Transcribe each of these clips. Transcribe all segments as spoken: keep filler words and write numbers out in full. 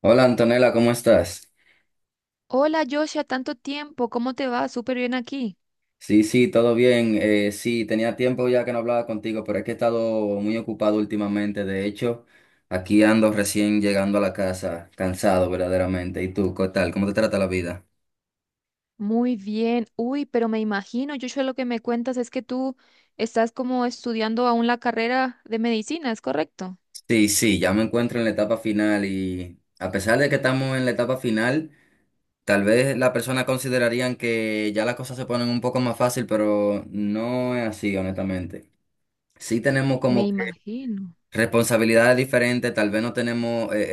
Hola Antonella, ¿cómo estás? Hola Joshua, tanto tiempo, ¿cómo te va? Súper bien aquí. Sí, sí, todo bien. Eh, sí, tenía tiempo ya que no hablaba contigo, pero es que he estado muy ocupado últimamente. De hecho, aquí ando recién llegando a la casa, cansado verdaderamente. ¿Y tú, qué tal? ¿Cómo te trata la vida? Muy bien. Uy, pero me imagino, Joshua, lo que me cuentas es que tú estás como estudiando aún la carrera de medicina, ¿es correcto? Sí, sí, ya me encuentro en la etapa final y a pesar de que estamos en la etapa final, tal vez las personas considerarían que ya las cosas se ponen un poco más fácil, pero no es así, honestamente. Sí tenemos Me como que imagino, responsabilidades diferentes, tal vez no tenemos eh,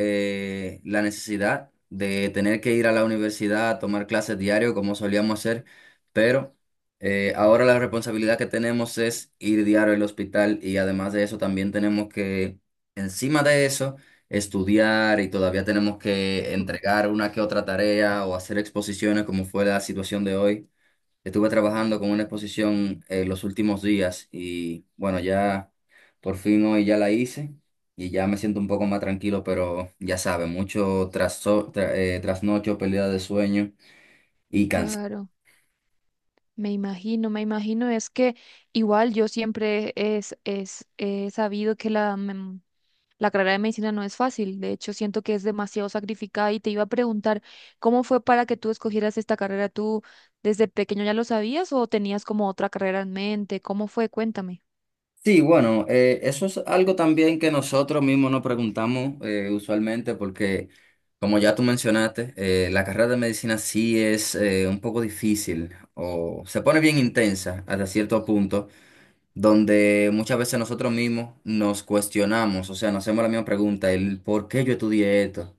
eh, la necesidad de tener que ir a la universidad a tomar clases diario como solíamos hacer, pero eh, ahora la responsabilidad que tenemos es ir diario al hospital y además de eso también tenemos que, encima de eso, estudiar y todavía tenemos que entregar una que otra tarea o hacer exposiciones como fue la situación de hoy. Estuve trabajando con una exposición eh, los últimos días y bueno, ya por fin hoy ya la hice y ya me siento un poco más tranquilo, pero ya sabes, mucho traso- tra- eh, trasnocho, pérdida de sueño y cansancio. claro, me imagino, me imagino. Es que igual yo siempre es, es, he sabido que la, la carrera de medicina no es fácil, de hecho siento que es demasiado sacrificada y te iba a preguntar, ¿cómo fue para que tú escogieras esta carrera? ¿Tú desde pequeño ya lo sabías o tenías como otra carrera en mente? ¿Cómo fue? Cuéntame. Sí, bueno, eh, eso es algo también que nosotros mismos nos preguntamos eh, usualmente porque, como ya tú mencionaste, eh, la carrera de medicina sí es eh, un poco difícil o se pone bien intensa hasta cierto punto, donde muchas veces nosotros mismos nos cuestionamos, o sea, nos hacemos la misma pregunta, el ¿por qué yo estudié esto?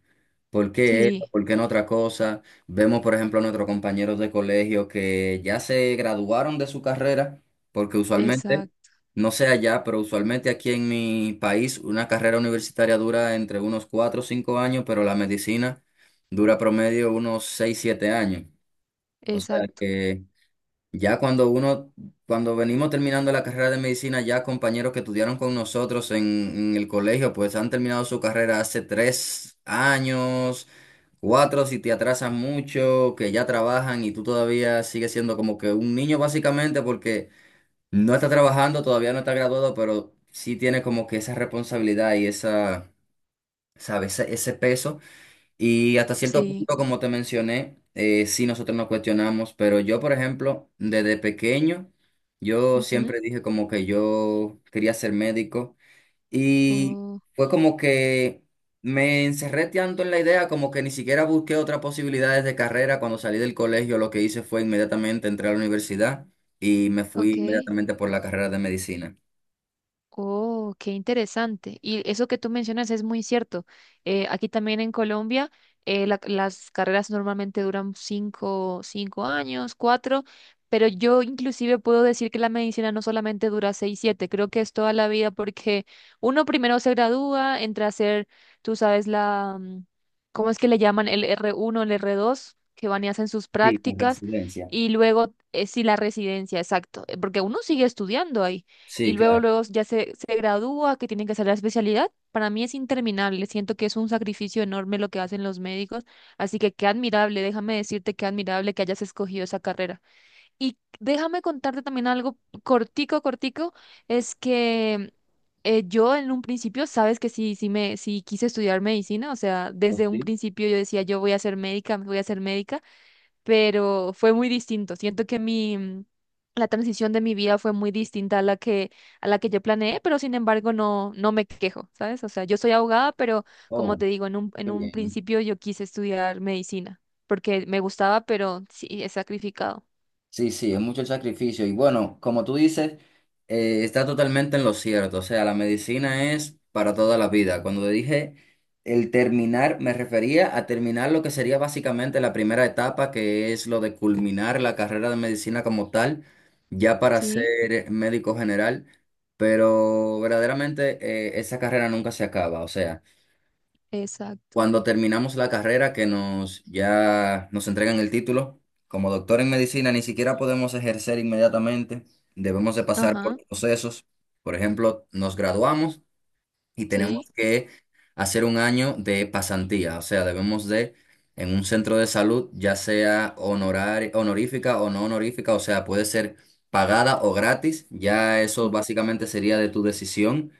¿Por qué esto? Sí, ¿Por qué no otra cosa? Vemos, por ejemplo, a nuestros compañeros de colegio que ya se graduaron de su carrera, porque usualmente, exacto, no sé allá, pero usualmente aquí en mi país una carrera universitaria dura entre unos cuatro o cinco años, pero la medicina dura promedio unos seis siete años. O sea exacto, que... ya cuando uno, cuando venimos terminando la carrera de medicina, ya compañeros que estudiaron con nosotros en, en el colegio, pues han terminado su carrera hace tres años, cuatro si te atrasan mucho, que ya trabajan y tú todavía sigues siendo como que un niño básicamente porque no está trabajando, todavía no está graduado, pero sí tiene como que esa responsabilidad y esa, ¿sabes? Ese, ese peso. Y hasta cierto sí. punto, como te mencioné, eh, sí nosotros nos cuestionamos, pero yo, por ejemplo, desde pequeño, yo Ujú. siempre dije como que yo quería ser médico y Oh, fue como que me encerré tanto en la idea como que ni siquiera busqué otras posibilidades de carrera. Cuando salí del colegio, lo que hice fue inmediatamente entrar a la universidad y me fui ok. inmediatamente por la carrera de medicina. Oh, qué interesante. Y eso que tú mencionas es muy cierto. Eh, aquí también en Colombia, eh, la- las carreras normalmente duran cinco, cinco años, cuatro, pero yo inclusive puedo decir que la medicina no solamente dura seis, siete, creo que es toda la vida porque uno primero se gradúa, entra a hacer, tú sabes, la, mm, ¿cómo es que le llaman? El r uno, el r dos, que van y hacen sus Sí, con prácticas, residencia. y luego, eh, sí, la residencia, exacto, eh, porque uno sigue estudiando ahí y Sí, luego, claro. luego ya se, se gradúa, que tienen que hacer la especialidad. Para mí es interminable, siento que es un sacrificio enorme lo que hacen los médicos, así que qué admirable, déjame decirte qué admirable que hayas escogido esa carrera. Y déjame contarte también algo cortico, cortico, es que eh, yo en un principio, sabes que sí, sí me, sí quise estudiar medicina, o sea, Pues desde un sí. principio yo decía, yo voy a ser médica, voy a ser médica, pero fue muy distinto. Siento que mi, mm, la transición de mi vida fue muy distinta a la que, a la que yo planeé, pero sin embargo no, no me quejo, ¿sabes? O sea, yo soy abogada, pero como Oh, te digo, en un, qué en un bien. principio yo quise estudiar medicina, porque me gustaba, pero sí, he sacrificado. Sí, sí, es mucho el sacrificio. Y bueno, como tú dices, eh, está totalmente en lo cierto. O sea, la medicina es para toda la vida. Cuando dije el terminar, me refería a terminar lo que sería básicamente la primera etapa, que es lo de culminar la carrera de medicina como tal, ya para Sí, ser médico general. Pero verdaderamente eh, esa carrera nunca se acaba. O sea, exacto. cuando terminamos la carrera, que nos ya nos entregan el título, como doctor en medicina ni siquiera podemos ejercer inmediatamente, debemos de pasar por Ajá, procesos. Por ejemplo, nos graduamos y sí. tenemos que hacer un año de pasantía, o sea, debemos de en un centro de salud, ya sea honorar, honorífica o no honorífica, o sea, puede ser pagada o gratis, ya eso Uf, básicamente sería de tu decisión.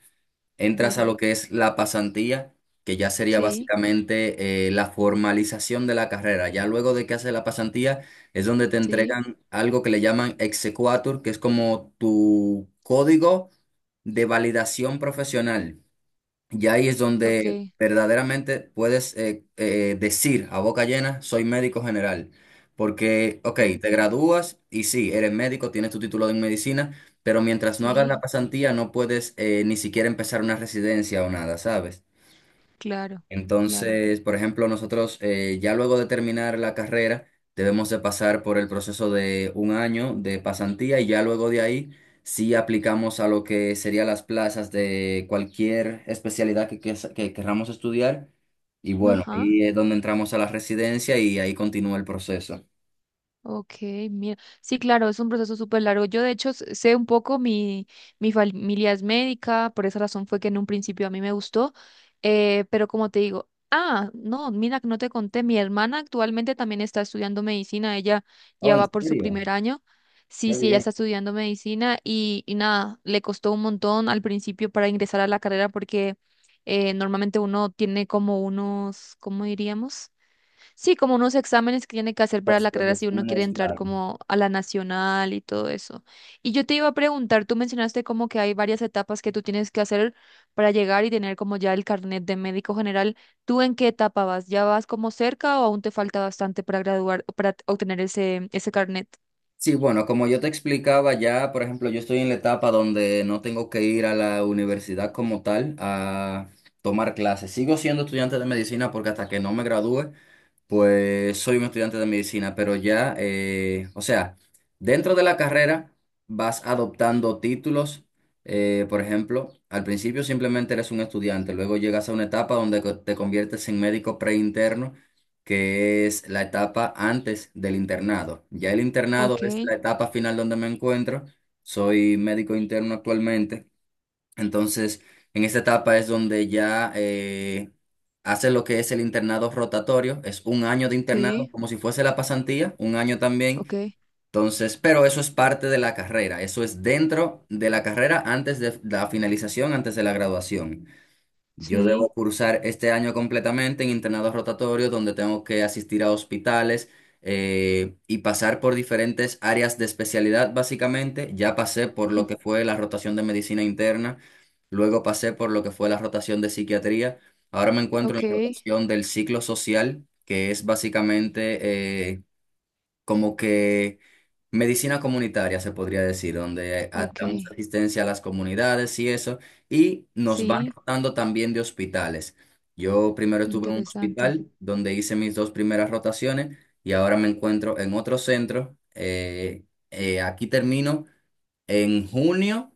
Entras a duro. lo que es la pasantía, que ya sería Sí, básicamente eh, la formalización de la carrera. Ya luego de que haces la pasantía es donde te sí. entregan algo que le llaman exequatur, que es como tu código de validación profesional. Y ahí es donde Ok, verdaderamente puedes eh, eh, decir a boca llena, soy médico general. Porque, ok, ok. te gradúas y sí, eres médico, tienes tu título en medicina, pero mientras no hagas la Sí, pasantía no puedes eh, ni siquiera empezar una residencia o nada, ¿sabes? claro, claro. Entonces, por ejemplo, nosotros eh, ya luego de terminar la carrera debemos de pasar por el proceso de un año de pasantía y ya luego de ahí sí aplicamos a lo que serían las plazas de cualquier especialidad que, ques- que querramos estudiar. Y bueno, Ajá. ahí es donde entramos a la residencia y ahí continúa el proceso. Ok, mira. Sí, claro, es un proceso súper largo. Yo, de hecho, s- sé un poco, mi, mi familia es médica, por esa razón fue que en un principio a mí me gustó, eh, pero como te digo, ah, no, mira, que no te conté, mi hermana actualmente también está estudiando medicina, ella Oh, ya ¿en va por su serio? primer año. Sí, Qué sí, ella bien. está estudiando medicina y, y nada, le costó un montón al principio para ingresar a la carrera porque eh, normalmente uno tiene como unos, ¿cómo diríamos? Sí, como unos exámenes que tiene que hacer para Los, la los carrera si uno quiere exámenes, entrar claro. como a la nacional y todo eso. Y yo te iba a preguntar, tú mencionaste como que hay varias etapas que tú tienes que hacer para llegar y tener como ya el carnet de médico general. ¿Tú en qué etapa vas? ¿Ya vas como cerca o aún te falta bastante para graduar, para obtener ese, ese carnet? Sí, bueno, como yo te explicaba ya, por ejemplo, yo estoy en la etapa donde no tengo que ir a la universidad como tal a tomar clases. Sigo siendo estudiante de medicina porque hasta que no me gradúe pues soy un estudiante de medicina, pero ya, eh, o sea, dentro de la carrera vas adoptando títulos. Eh, por ejemplo, al principio simplemente eres un estudiante, luego llegas a una etapa donde co- te conviertes en médico preinterno, que es la etapa antes del internado. Ya el internado Ok, es la etapa final donde me encuentro. Soy médico interno actualmente. Entonces, en esta etapa es donde ya eh, hace lo que es el internado rotatorio, es un año de internado, sí, como si fuese la pasantía, un año también. ok, Entonces, pero eso es parte de la carrera, eso es dentro de la carrera antes de la finalización, antes de la graduación. Yo debo sí, cursar este año completamente en internado rotatorio, donde tengo que asistir a hospitales eh, y pasar por diferentes áreas de especialidad, básicamente. Ya pasé por mm, lo que fue la rotación de medicina interna, luego pasé por lo que fue la rotación de psiquiatría. Ahora me encuentro ok, en la rotación del ciclo social, que es básicamente eh, como que medicina comunitaria, se podría decir, donde a- ok, ok, damos asistencia a las comunidades y eso, y nos van sí, rotando también de hospitales. Yo primero estuve en un interesante. hospital donde hice mis dos primeras rotaciones y ahora me encuentro en otro centro. Eh, eh, aquí termino en junio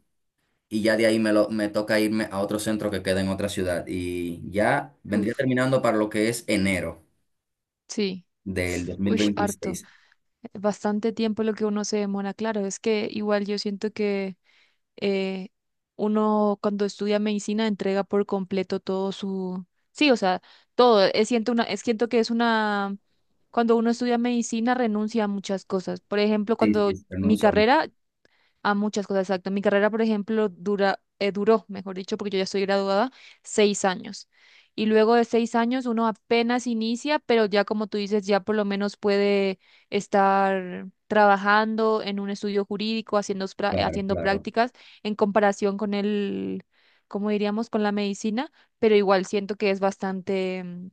y ya de ahí me, lo, me toca irme a otro centro que queda en otra ciudad y ya vendría Uf, terminando para lo que es enero sí, del dos mil uy, harto. veintiséis Bastante tiempo lo que uno se demora, claro, es que igual yo siento que eh, uno cuando estudia medicina entrega por completo todo su, sí, o sea, todo, es, siento una, es, siento que es una, cuando uno estudia medicina renuncia a muchas cosas, por ejemplo, Sí, cuando sí, se mi pronuncia. carrera a muchas cosas, exacto. Mi carrera, por ejemplo, dura, eh, duró, mejor dicho, porque yo ya estoy graduada, seis años. Y luego de seis años uno apenas inicia, pero ya como tú dices, ya por lo menos puede estar trabajando en un estudio jurídico, haciendo, pra- Claro, haciendo claro. prácticas en comparación con el, como diríamos, con la medicina, pero igual siento que es bastante mm,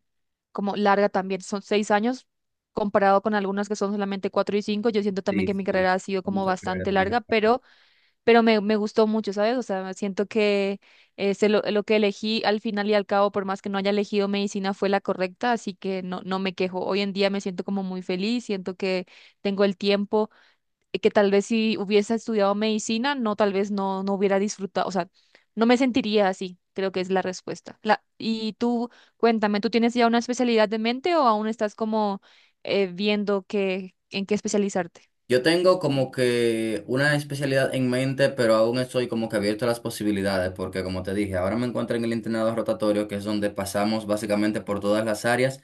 como larga también. Son seis años comparado con algunas que son solamente cuatro y cinco. Yo siento también Sí, que mi sí. carrera ha sido Hay como mucha carrera bastante también larga, acá. pero pero me, me gustó mucho, ¿sabes? O sea, siento que eh, se lo, lo que elegí al final y al cabo, por más que no haya elegido medicina, fue la correcta, así que no, no me quejo. Hoy en día me siento como muy feliz, siento que tengo el tiempo, eh, que tal vez si hubiese estudiado medicina, no, tal vez no, no hubiera disfrutado, o sea, no me sentiría así, creo que es la respuesta. La, y tú, cuéntame, ¿tú tienes ya una especialidad de mente o aún estás como eh, viendo qué, en qué especializarte? Yo tengo como que una especialidad en mente, pero aún estoy como que abierto a las posibilidades, porque como te dije, ahora me encuentro en el internado rotatorio, que es donde pasamos básicamente por todas las áreas.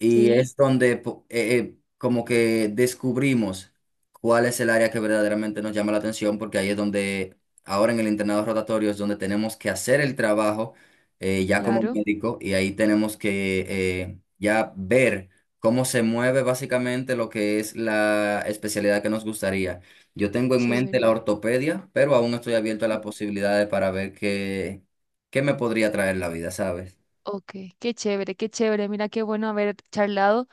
Y Sí, es donde po- eh, eh, como que descubrimos cuál es el área que verdaderamente nos llama la atención, porque ahí es donde ahora en el internado rotatorio es donde tenemos que hacer el trabajo eh, ya como claro, médico y ahí tenemos que eh, ya ver cómo se mueve básicamente lo que es la especialidad que nos gustaría. Yo tengo en mente chévere. la ortopedia, pero aún no estoy abierto a las posibilidades para ver qué, qué me podría traer la vida, ¿sabes? Ok, qué chévere, qué chévere. Mira qué bueno haber charlado.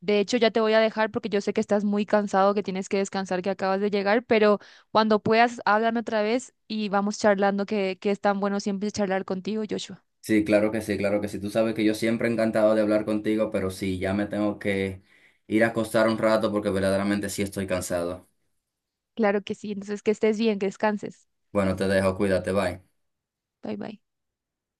De hecho, ya te voy a dejar porque yo sé que estás muy cansado, que tienes que descansar, que acabas de llegar, pero cuando puedas, háblame otra vez, y vamos charlando, que, que es tan bueno siempre charlar contigo, Joshua. Sí, claro que sí, claro que sí. Tú sabes que yo siempre he encantado de hablar contigo, pero sí, ya me tengo que ir a acostar un rato porque verdaderamente sí estoy cansado. Claro que sí. Entonces, que estés bien, que descanses. Bueno, te dejo, cuídate, bye. Bye bye.